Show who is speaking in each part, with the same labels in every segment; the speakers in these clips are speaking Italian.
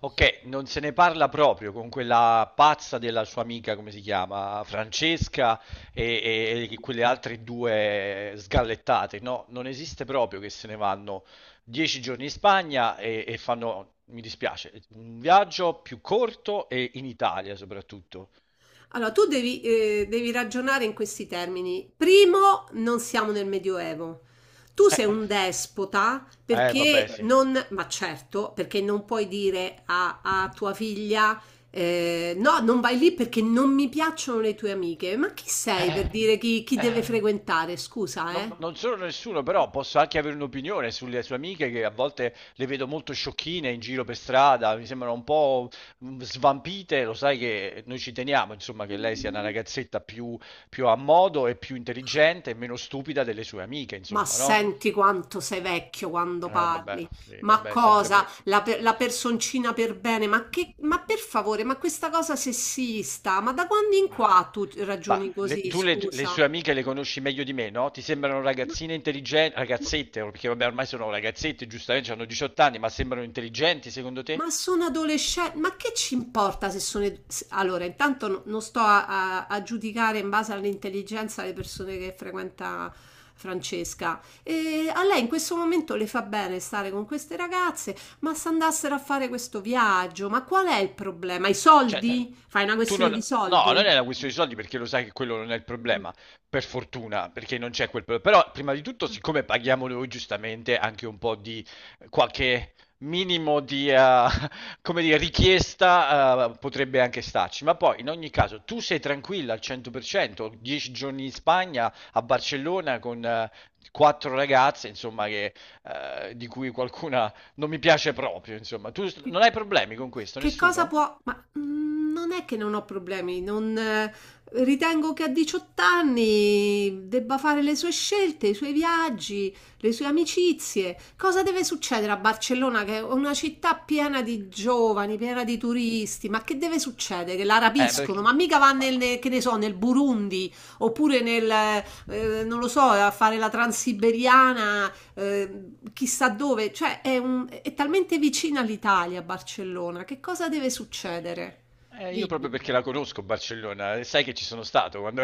Speaker 1: Ok, non se ne parla proprio con quella pazza della sua amica, come si chiama, Francesca e quelle altre due sgallettate. No, non esiste proprio che se ne vanno 10 giorni in Spagna e fanno, mi dispiace, un viaggio più corto e in Italia soprattutto.
Speaker 2: Allora, tu devi ragionare in questi termini. Primo, non siamo nel Medioevo. Tu
Speaker 1: Eh,
Speaker 2: sei un despota,
Speaker 1: eh,
Speaker 2: perché
Speaker 1: vabbè,
Speaker 2: vabbè,
Speaker 1: sì.
Speaker 2: non, ma certo, perché non puoi dire a tua figlia, no, non vai lì perché non mi piacciono le tue amiche. Ma chi sei
Speaker 1: Eh,
Speaker 2: per dire chi
Speaker 1: eh,
Speaker 2: deve frequentare? Scusa,
Speaker 1: non,
Speaker 2: eh?
Speaker 1: non sono nessuno, però posso anche avere un'opinione sulle sue amiche che a volte le vedo molto sciocchine in giro per strada, mi sembrano un po' svampite, lo sai che noi ci teniamo, insomma, che lei sia una ragazzetta più, più a modo e più intelligente e meno stupida delle sue amiche,
Speaker 2: Ma
Speaker 1: insomma, no?
Speaker 2: senti quanto sei vecchio quando
Speaker 1: Vabbè,
Speaker 2: parli.
Speaker 1: sì,
Speaker 2: Ma
Speaker 1: vabbè, è sempre
Speaker 2: cosa?
Speaker 1: vecchio.
Speaker 2: La personcina per bene? Ma che, ma per favore, ma questa cosa sessista? Ma da quando in
Speaker 1: Ma
Speaker 2: qua tu
Speaker 1: ma
Speaker 2: ragioni così?
Speaker 1: tu le
Speaker 2: Scusa.
Speaker 1: sue amiche le conosci meglio di me, no? Ti sembrano ragazzine intelligenti, ragazzette, perché vabbè ormai sono ragazzette, giustamente hanno 18 anni, ma sembrano intelligenti secondo
Speaker 2: Ma
Speaker 1: te?
Speaker 2: sono adolescenti, ma che ci importa se sono. Allora, intanto non sto a giudicare in base all'intelligenza le persone che frequenta Francesca. E a lei in questo momento le fa bene stare con queste ragazze, ma se andassero a fare questo viaggio, ma qual è il problema? I
Speaker 1: Cioè,
Speaker 2: soldi? Fai una
Speaker 1: tu
Speaker 2: questione
Speaker 1: non.
Speaker 2: di
Speaker 1: No, non è
Speaker 2: soldi?
Speaker 1: una questione di soldi perché lo sai che quello non è il problema, per fortuna, perché non c'è quel problema. Però, prima di tutto, siccome paghiamo noi giustamente anche un po' di qualche minimo di, come dire, richiesta, potrebbe anche starci. Ma poi, in ogni caso, tu sei tranquilla al 100%, 10 giorni in Spagna, a Barcellona, con quattro ragazze, insomma, che, di cui qualcuna non mi piace proprio, insomma. Tu non hai problemi con questo,
Speaker 2: Che cosa
Speaker 1: nessuno?
Speaker 2: può... Ma non è che non ho problemi, non... ritengo che a 18 anni debba fare le sue scelte, i suoi viaggi, le sue amicizie. Cosa deve succedere a Barcellona, che è una città piena di giovani, piena di turisti? Ma che deve succedere? Che la
Speaker 1: Eh,
Speaker 2: rapiscono?
Speaker 1: perché...
Speaker 2: Ma mica va
Speaker 1: ma-
Speaker 2: che ne so, nel Burundi, oppure non lo so, a fare la transiberiana, chissà dove, cioè è talmente vicina all'Italia, Barcellona, che cosa deve succedere?
Speaker 1: Io proprio
Speaker 2: Dimmi.
Speaker 1: perché la conosco Barcellona, e sai che ci sono stato quando.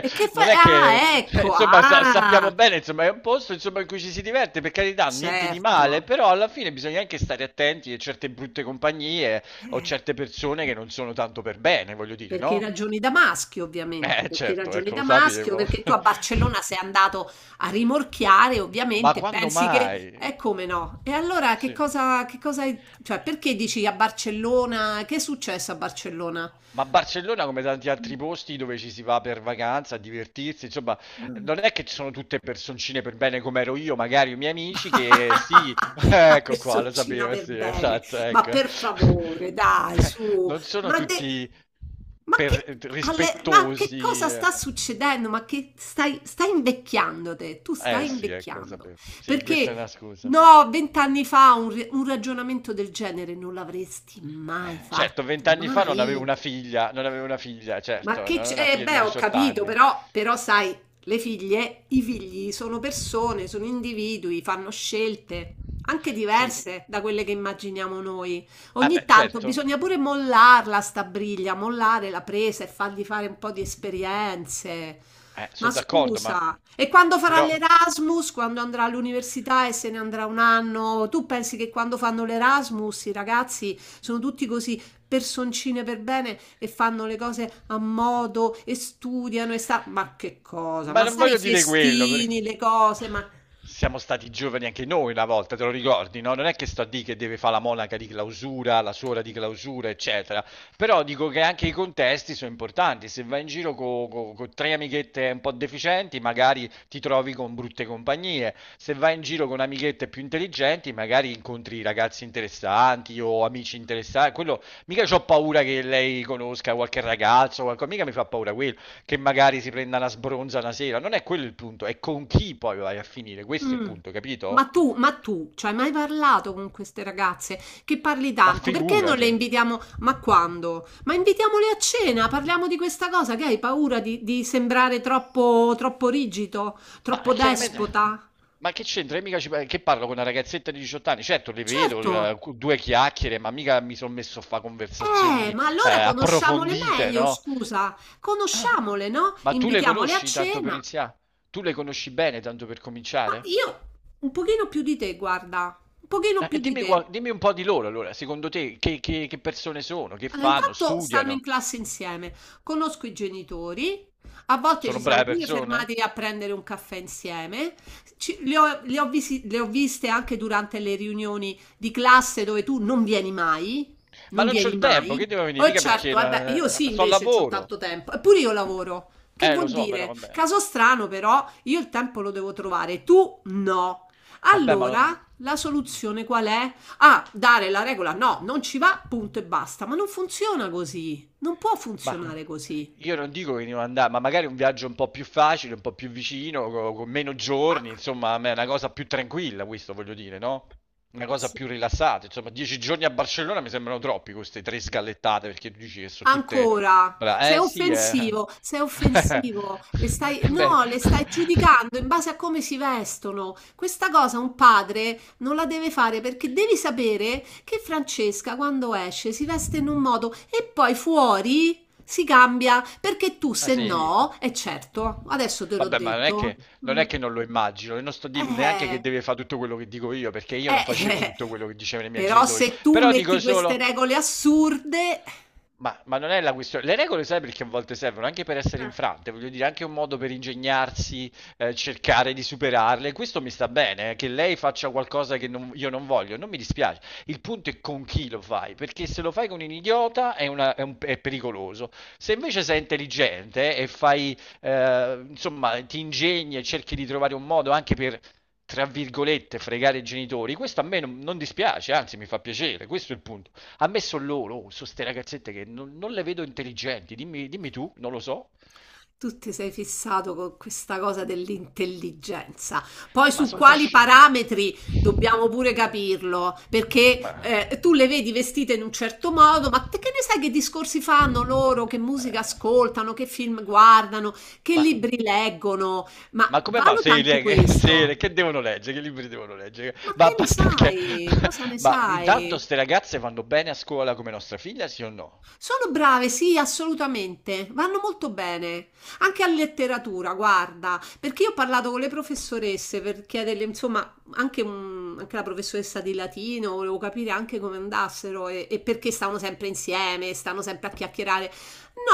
Speaker 2: E che fa?
Speaker 1: non è che...
Speaker 2: Ah, ecco,
Speaker 1: Insomma, sappiamo
Speaker 2: ah,
Speaker 1: bene, insomma, è un posto, insomma, in cui ci si diverte, per carità, niente di male,
Speaker 2: certo.
Speaker 1: però alla fine bisogna anche stare attenti a certe brutte compagnie o
Speaker 2: Eh,
Speaker 1: certe persone che non sono tanto per bene, voglio dire,
Speaker 2: Perché
Speaker 1: no?
Speaker 2: ragioni da maschio, ovviamente, perché
Speaker 1: Certo,
Speaker 2: ragioni
Speaker 1: ecco,
Speaker 2: da
Speaker 1: lo
Speaker 2: maschio,
Speaker 1: sapevo.
Speaker 2: perché tu a Barcellona sei andato a rimorchiare,
Speaker 1: Ma
Speaker 2: ovviamente,
Speaker 1: quando
Speaker 2: pensi che
Speaker 1: mai?
Speaker 2: è come no. E allora che
Speaker 1: Sì.
Speaker 2: cosa,
Speaker 1: Ma,
Speaker 2: cioè, perché dici a Barcellona? Che è successo a Barcellona?
Speaker 1: ma Barcellona, come tanti altri posti dove ci si va per vacanza, a divertirsi, insomma,
Speaker 2: Mm.
Speaker 1: non è che ci sono tutte personcine per bene come ero io, magari i miei amici, che sì,
Speaker 2: La
Speaker 1: ecco qua, lo
Speaker 2: personcina
Speaker 1: sapevo,
Speaker 2: per
Speaker 1: sì,
Speaker 2: bene,
Speaker 1: esatto,
Speaker 2: ma
Speaker 1: ecco.
Speaker 2: per favore, dai, su,
Speaker 1: Non sono
Speaker 2: ma, de-
Speaker 1: tutti
Speaker 2: ma che, ma che
Speaker 1: rispettosi.
Speaker 2: cosa
Speaker 1: Eh.
Speaker 2: sta succedendo? Ma che stai invecchiando te, tu
Speaker 1: Eh
Speaker 2: stai
Speaker 1: sì, ecco,
Speaker 2: invecchiando.
Speaker 1: sapevo. Sì, questa è una
Speaker 2: Perché
Speaker 1: scusa.
Speaker 2: no, 20 anni fa un ragionamento del genere non l'avresti mai
Speaker 1: Certo,
Speaker 2: fatto,
Speaker 1: vent'anni fa non avevo
Speaker 2: mai.
Speaker 1: una figlia, non avevo una figlia,
Speaker 2: Ma
Speaker 1: certo, non
Speaker 2: che
Speaker 1: avevo una
Speaker 2: c'è?
Speaker 1: figlia di
Speaker 2: Beh, ho
Speaker 1: 18
Speaker 2: capito,
Speaker 1: anni.
Speaker 2: però, però sai, le figlie, i figli sono persone, sono individui, fanno scelte, anche
Speaker 1: Sì,
Speaker 2: diverse da quelle che immaginiamo noi.
Speaker 1: ah
Speaker 2: Ogni
Speaker 1: beh,
Speaker 2: tanto
Speaker 1: certo,
Speaker 2: bisogna pure mollarla sta briglia, mollare la presa e fargli fare un po' di esperienze. Ma
Speaker 1: sono d'accordo, ma
Speaker 2: scusa, e quando farà
Speaker 1: però.
Speaker 2: l'Erasmus, quando andrà all'università e se ne andrà un anno, tu pensi che quando fanno l'Erasmus i ragazzi sono tutti così? Personcine per bene e fanno le cose a modo e studiano e sta... Ma che cosa?
Speaker 1: Ma
Speaker 2: Ma
Speaker 1: non
Speaker 2: sai
Speaker 1: voglio
Speaker 2: i
Speaker 1: dire quello, perché
Speaker 2: festini, le cose, ma...
Speaker 1: siamo stati giovani anche noi una volta, te lo ricordi, no? Non è che sto a dire che deve fare la monaca di clausura, la suora di clausura, eccetera. Però dico che anche i contesti sono importanti. Se vai in giro con tre amichette un po' deficienti, magari ti trovi con brutte compagnie. Se vai in giro con amichette più intelligenti, magari incontri ragazzi interessanti o amici interessanti. Quello, mica ho paura che lei conosca qualche ragazzo, qualcosa, mica mi fa paura quello che magari si prenda una sbronza una sera. Non è quello il punto, è con chi poi vai a finire. Questo è il
Speaker 2: Mm.
Speaker 1: punto, capito?
Speaker 2: Ma tu, ci hai mai parlato con queste ragazze che parli
Speaker 1: Ma
Speaker 2: tanto? Perché non le
Speaker 1: figurati.
Speaker 2: invitiamo? Ma quando? Ma invitiamole a cena, parliamo di questa cosa che hai paura di sembrare troppo, troppo rigido,
Speaker 1: Ma
Speaker 2: troppo
Speaker 1: chiaramente,
Speaker 2: despota?
Speaker 1: ma che c'entra? Io mica che parlo con una ragazzetta di 18 anni? Certo, le vedo,
Speaker 2: Certo.
Speaker 1: due chiacchiere, ma mica mi sono messo a fare conversazioni
Speaker 2: Ma allora conosciamole
Speaker 1: approfondite,
Speaker 2: meglio,
Speaker 1: no?
Speaker 2: scusa,
Speaker 1: Ah,
Speaker 2: conosciamole, no?
Speaker 1: ma tu le
Speaker 2: Invitiamole a
Speaker 1: conosci tanto per
Speaker 2: cena.
Speaker 1: iniziare? Tu le conosci bene tanto per
Speaker 2: Ma
Speaker 1: cominciare?
Speaker 2: io un pochino più di te, guarda, un pochino più
Speaker 1: E
Speaker 2: di
Speaker 1: dimmi,
Speaker 2: te.
Speaker 1: dimmi un po' di loro allora, secondo te che, che persone sono, che
Speaker 2: Allora,
Speaker 1: fanno,
Speaker 2: intanto stanno in
Speaker 1: studiano,
Speaker 2: classe insieme, conosco i genitori, a volte
Speaker 1: sono
Speaker 2: ci siamo
Speaker 1: brave
Speaker 2: pure
Speaker 1: persone?
Speaker 2: fermati a prendere un caffè insieme. Ci- le ho visi- le ho viste anche durante le riunioni di classe dove tu non vieni mai,
Speaker 1: Ma
Speaker 2: non
Speaker 1: non c'ho
Speaker 2: vieni
Speaker 1: il tempo, che
Speaker 2: mai.
Speaker 1: devo venire?
Speaker 2: Oh
Speaker 1: Mica perché
Speaker 2: certo, vabbè, io sì
Speaker 1: sto al
Speaker 2: invece ho
Speaker 1: lavoro.
Speaker 2: tanto tempo, eppure io lavoro. Che
Speaker 1: Lo
Speaker 2: vuol
Speaker 1: so, però
Speaker 2: dire?
Speaker 1: vabbè.
Speaker 2: Caso strano però, io il tempo lo devo trovare, tu no.
Speaker 1: Vabbè, ma lo.
Speaker 2: Allora, la soluzione qual è? A dare la regola no, non ci va, punto e basta. Ma non funziona così, non può
Speaker 1: Ma
Speaker 2: funzionare così.
Speaker 1: io non dico che devo andare, ma magari un viaggio un po' più facile, un po' più vicino, con meno giorni, insomma, a me è una cosa più tranquilla, questo voglio dire, no? Una cosa
Speaker 2: Sì.
Speaker 1: più rilassata. Insomma, 10 giorni a Barcellona mi sembrano troppi queste tre sgallettate, perché tu dici che sono tutte.
Speaker 2: Ancora,
Speaker 1: Eh sì,
Speaker 2: sei offensivo, le stai,
Speaker 1: Eh beh.
Speaker 2: no, le stai giudicando in base a come si vestono. Questa cosa un padre non la deve fare perché devi sapere che Francesca quando esce si veste in un modo e poi fuori si cambia perché tu
Speaker 1: Ah
Speaker 2: se
Speaker 1: sì.
Speaker 2: no, è certo, adesso te l'ho
Speaker 1: Vabbè, ma non è
Speaker 2: detto.
Speaker 1: che non
Speaker 2: Mm.
Speaker 1: è che non lo immagino, e non sto dicendo neanche che
Speaker 2: Eh,
Speaker 1: deve fare tutto quello che dico io, perché io non
Speaker 2: Eh,
Speaker 1: facevo tutto quello che dicevano i miei
Speaker 2: però
Speaker 1: genitori.
Speaker 2: se tu
Speaker 1: Però dico
Speaker 2: metti queste
Speaker 1: solo,
Speaker 2: regole assurde,
Speaker 1: ma non è la questione. Le regole sai perché a volte servono anche per essere
Speaker 2: Eh,
Speaker 1: infrante, voglio dire, anche un modo per ingegnarsi, cercare di superarle. Questo mi sta bene, che lei faccia qualcosa che io non voglio, non mi dispiace. Il punto è con chi lo fai, perché se lo fai con un idiota è, una- è un- è pericoloso. Se invece sei intelligente e fai, insomma, ti ingegni e cerchi di trovare un modo anche per, tra virgolette, fregare i genitori, questo a me non dispiace, anzi mi fa piacere, questo è il punto. A me sono loro, sono ste ragazzette che non le vedo intelligenti, dimmi, dimmi tu, non lo so,
Speaker 2: tu ti sei fissato con questa cosa dell'intelligenza. Poi su
Speaker 1: ma
Speaker 2: madonna,
Speaker 1: sono un po'
Speaker 2: quali
Speaker 1: sceme.
Speaker 2: parametri dobbiamo pure capirlo, perché
Speaker 1: Ma...
Speaker 2: tu le vedi vestite in un certo modo, ma te che ne sai che discorsi fanno loro, che musica
Speaker 1: Eh,
Speaker 2: ascoltano, che film guardano, che
Speaker 1: Ma,
Speaker 2: libri leggono? Ma
Speaker 1: ma come va?
Speaker 2: valuta
Speaker 1: Se,
Speaker 2: anche
Speaker 1: le-
Speaker 2: questo.
Speaker 1: che devono leggere? Che libri devono leggere?
Speaker 2: Ma
Speaker 1: Ma
Speaker 2: che
Speaker 1: a
Speaker 2: ne
Speaker 1: parte che.
Speaker 2: sai? Cosa ne
Speaker 1: Ma intanto
Speaker 2: sai?
Speaker 1: ste ragazze vanno bene a scuola come nostra figlia, sì o no?
Speaker 2: Sono brave, sì, assolutamente. Vanno molto bene. Anche a letteratura, guarda, perché io ho parlato con le professoresse per chiederle, insomma, anche, anche la professoressa di latino, volevo capire anche come andassero e perché stavano sempre insieme, stanno sempre a chiacchierare.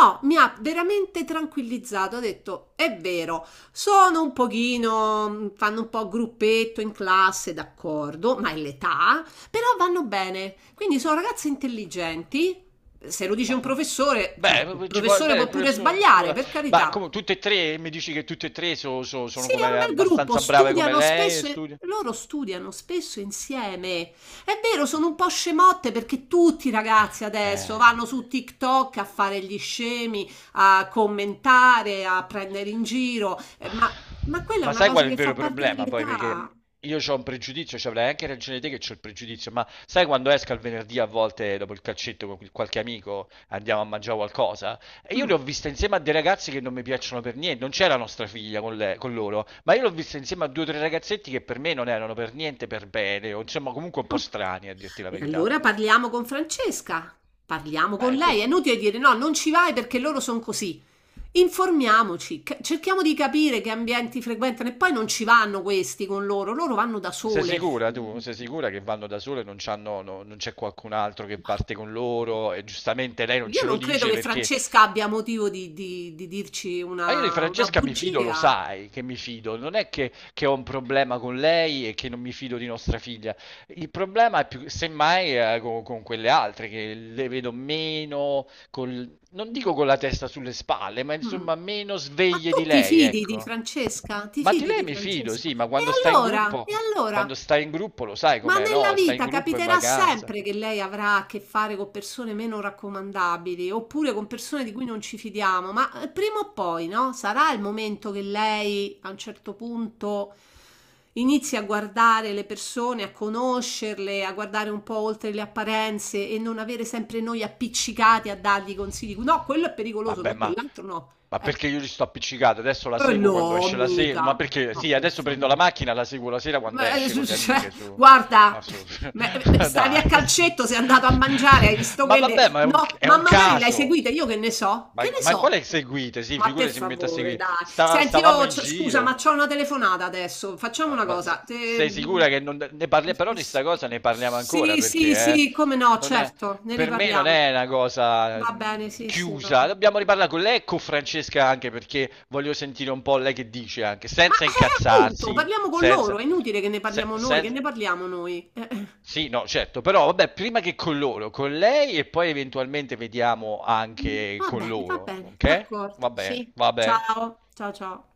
Speaker 2: No, mi ha veramente tranquillizzato. Ha detto, è vero, sono un pochino, fanno un po' gruppetto in classe, d'accordo, ma è l'età, però vanno bene. Quindi sono ragazze intelligenti se lo dice
Speaker 1: Ma,
Speaker 2: un professore, cioè, il
Speaker 1: beh, ci può.
Speaker 2: professore
Speaker 1: Bene,
Speaker 2: può
Speaker 1: pure
Speaker 2: pure
Speaker 1: a
Speaker 2: sbagliare,
Speaker 1: scuola.
Speaker 2: per
Speaker 1: Ma
Speaker 2: carità.
Speaker 1: come, tutte e tre, mi dici che tutte e tre sono
Speaker 2: Sì, è un
Speaker 1: come,
Speaker 2: bel gruppo,
Speaker 1: abbastanza brave come
Speaker 2: studiano
Speaker 1: lei e
Speaker 2: spesso,
Speaker 1: studiano?
Speaker 2: loro studiano spesso insieme. È vero,
Speaker 1: Mm.
Speaker 2: sono un po' scemotte perché tutti i ragazzi adesso
Speaker 1: Eh...
Speaker 2: vanno su TikTok a fare gli scemi, a commentare, a prendere in giro, ma quella è
Speaker 1: Ma
Speaker 2: una
Speaker 1: sai qual
Speaker 2: cosa
Speaker 1: è il
Speaker 2: che fa
Speaker 1: vero
Speaker 2: parte
Speaker 1: problema? Poi, perché
Speaker 2: dell'età.
Speaker 1: io ho un pregiudizio, cioè avrai anche ragione te che ho il pregiudizio, ma sai quando esco il venerdì a volte dopo il calcetto con qualche amico andiamo a mangiare qualcosa? E io le
Speaker 2: Mm,
Speaker 1: ho viste insieme a dei ragazzi che non mi piacciono per niente, non c'era nostra figlia con loro, ma io l'ho vista insieme a due o tre ragazzetti che per me non erano per niente per bene, o insomma comunque un
Speaker 2: mm.
Speaker 1: po' strani a dirti la
Speaker 2: E
Speaker 1: verità.
Speaker 2: allora parliamo con Francesca, parliamo
Speaker 1: Ma
Speaker 2: con
Speaker 1: è
Speaker 2: lei. È
Speaker 1: questo.
Speaker 2: inutile dire no, non ci vai perché loro sono così. Informiamoci, cerchiamo di capire che ambienti frequentano e poi non ci vanno questi con loro, loro vanno da
Speaker 1: Sei
Speaker 2: sole.
Speaker 1: sicura tu? Sei sicura che vanno da sole, non c'hanno, non c'è qualcun altro che
Speaker 2: Ma
Speaker 1: parte con loro e giustamente lei non
Speaker 2: io
Speaker 1: ce lo
Speaker 2: non credo
Speaker 1: dice
Speaker 2: che
Speaker 1: perché.
Speaker 2: Francesca abbia motivo di dirci
Speaker 1: Ma io di
Speaker 2: una
Speaker 1: Francesca mi fido, lo
Speaker 2: bugia.
Speaker 1: sai che mi fido, non è che ho un problema con lei e che non mi fido di nostra figlia. Il problema è più, semmai, con quelle altre che le vedo meno, non dico con la testa sulle spalle, ma
Speaker 2: Mm.
Speaker 1: insomma meno
Speaker 2: Ma
Speaker 1: sveglie
Speaker 2: tu
Speaker 1: di
Speaker 2: ti
Speaker 1: lei,
Speaker 2: fidi di
Speaker 1: ecco.
Speaker 2: Francesca? Ti
Speaker 1: Ma di
Speaker 2: fidi
Speaker 1: lei
Speaker 2: di
Speaker 1: mi fido,
Speaker 2: Francesca?
Speaker 1: sì, ma
Speaker 2: E
Speaker 1: quando sta in
Speaker 2: allora?
Speaker 1: gruppo,
Speaker 2: E allora?
Speaker 1: quando sta in gruppo lo sai
Speaker 2: Ma
Speaker 1: com'è,
Speaker 2: nella
Speaker 1: no? Sta in
Speaker 2: vita
Speaker 1: gruppo in
Speaker 2: capiterà
Speaker 1: vacanza.
Speaker 2: sempre che lei avrà a che fare con persone meno raccomandabili oppure con persone di cui non ci fidiamo, ma prima o poi, no? Sarà il momento che lei a un certo punto inizi a guardare le persone, a conoscerle, a guardare un po' oltre le apparenze e non avere sempre noi appiccicati a dargli consigli. No, quello è pericoloso,
Speaker 1: Vabbè,
Speaker 2: no,
Speaker 1: ma
Speaker 2: quell'altro no.
Speaker 1: Ma
Speaker 2: Eh,
Speaker 1: perché io ci sto appiccicato? Adesso la seguo quando
Speaker 2: no,
Speaker 1: esce la sera. Ma
Speaker 2: mica.
Speaker 1: perché?
Speaker 2: No,
Speaker 1: Sì,
Speaker 2: per
Speaker 1: adesso prendo la
Speaker 2: favore.
Speaker 1: macchina, la seguo la sera quando
Speaker 2: Ma,
Speaker 1: esce con le amiche. Su. Ma
Speaker 2: guarda,
Speaker 1: su.
Speaker 2: stavi
Speaker 1: Dai.
Speaker 2: a calcetto, sei andato a mangiare, hai visto
Speaker 1: Ma vabbè,
Speaker 2: quelle?
Speaker 1: ma è un,
Speaker 2: No,
Speaker 1: è
Speaker 2: ma
Speaker 1: un
Speaker 2: magari le hai
Speaker 1: caso.
Speaker 2: seguite, io che ne so?
Speaker 1: Ma,
Speaker 2: Che ne
Speaker 1: ma
Speaker 2: so?
Speaker 1: quale seguite? Sì,
Speaker 2: Ma per
Speaker 1: figure si mette a
Speaker 2: favore,
Speaker 1: seguire.
Speaker 2: dai. Senti,
Speaker 1: Stavamo
Speaker 2: io,
Speaker 1: in
Speaker 2: scusa, ma
Speaker 1: giro.
Speaker 2: c'ho una telefonata adesso. Facciamo
Speaker 1: Ma,
Speaker 2: una
Speaker 1: ma
Speaker 2: cosa.
Speaker 1: sei sicura che non ne parliamo? Però di sta cosa ne parliamo ancora
Speaker 2: Sì, sì,
Speaker 1: perché
Speaker 2: sì, come no,
Speaker 1: non è-
Speaker 2: certo, ne
Speaker 1: per me non
Speaker 2: riparliamo.
Speaker 1: è una cosa
Speaker 2: Va bene, sì, sì, va
Speaker 1: chiusa.
Speaker 2: bene.
Speaker 1: Dobbiamo riparlare con lei e con Francesca anche perché voglio sentire un po' lei che dice anche,
Speaker 2: Ma
Speaker 1: senza
Speaker 2: appunto,
Speaker 1: incazzarsi,
Speaker 2: parliamo con loro,
Speaker 1: senza.
Speaker 2: è inutile che ne
Speaker 1: se-
Speaker 2: parliamo noi, che
Speaker 1: sen-
Speaker 2: ne parliamo noi?
Speaker 1: sì, no, certo, però vabbè, prima che con loro, con lei e poi eventualmente vediamo anche con
Speaker 2: Va
Speaker 1: loro,
Speaker 2: bene,
Speaker 1: ok?
Speaker 2: d'accordo, sì.
Speaker 1: Vabbè, vabbè.
Speaker 2: Ciao, ciao, ciao.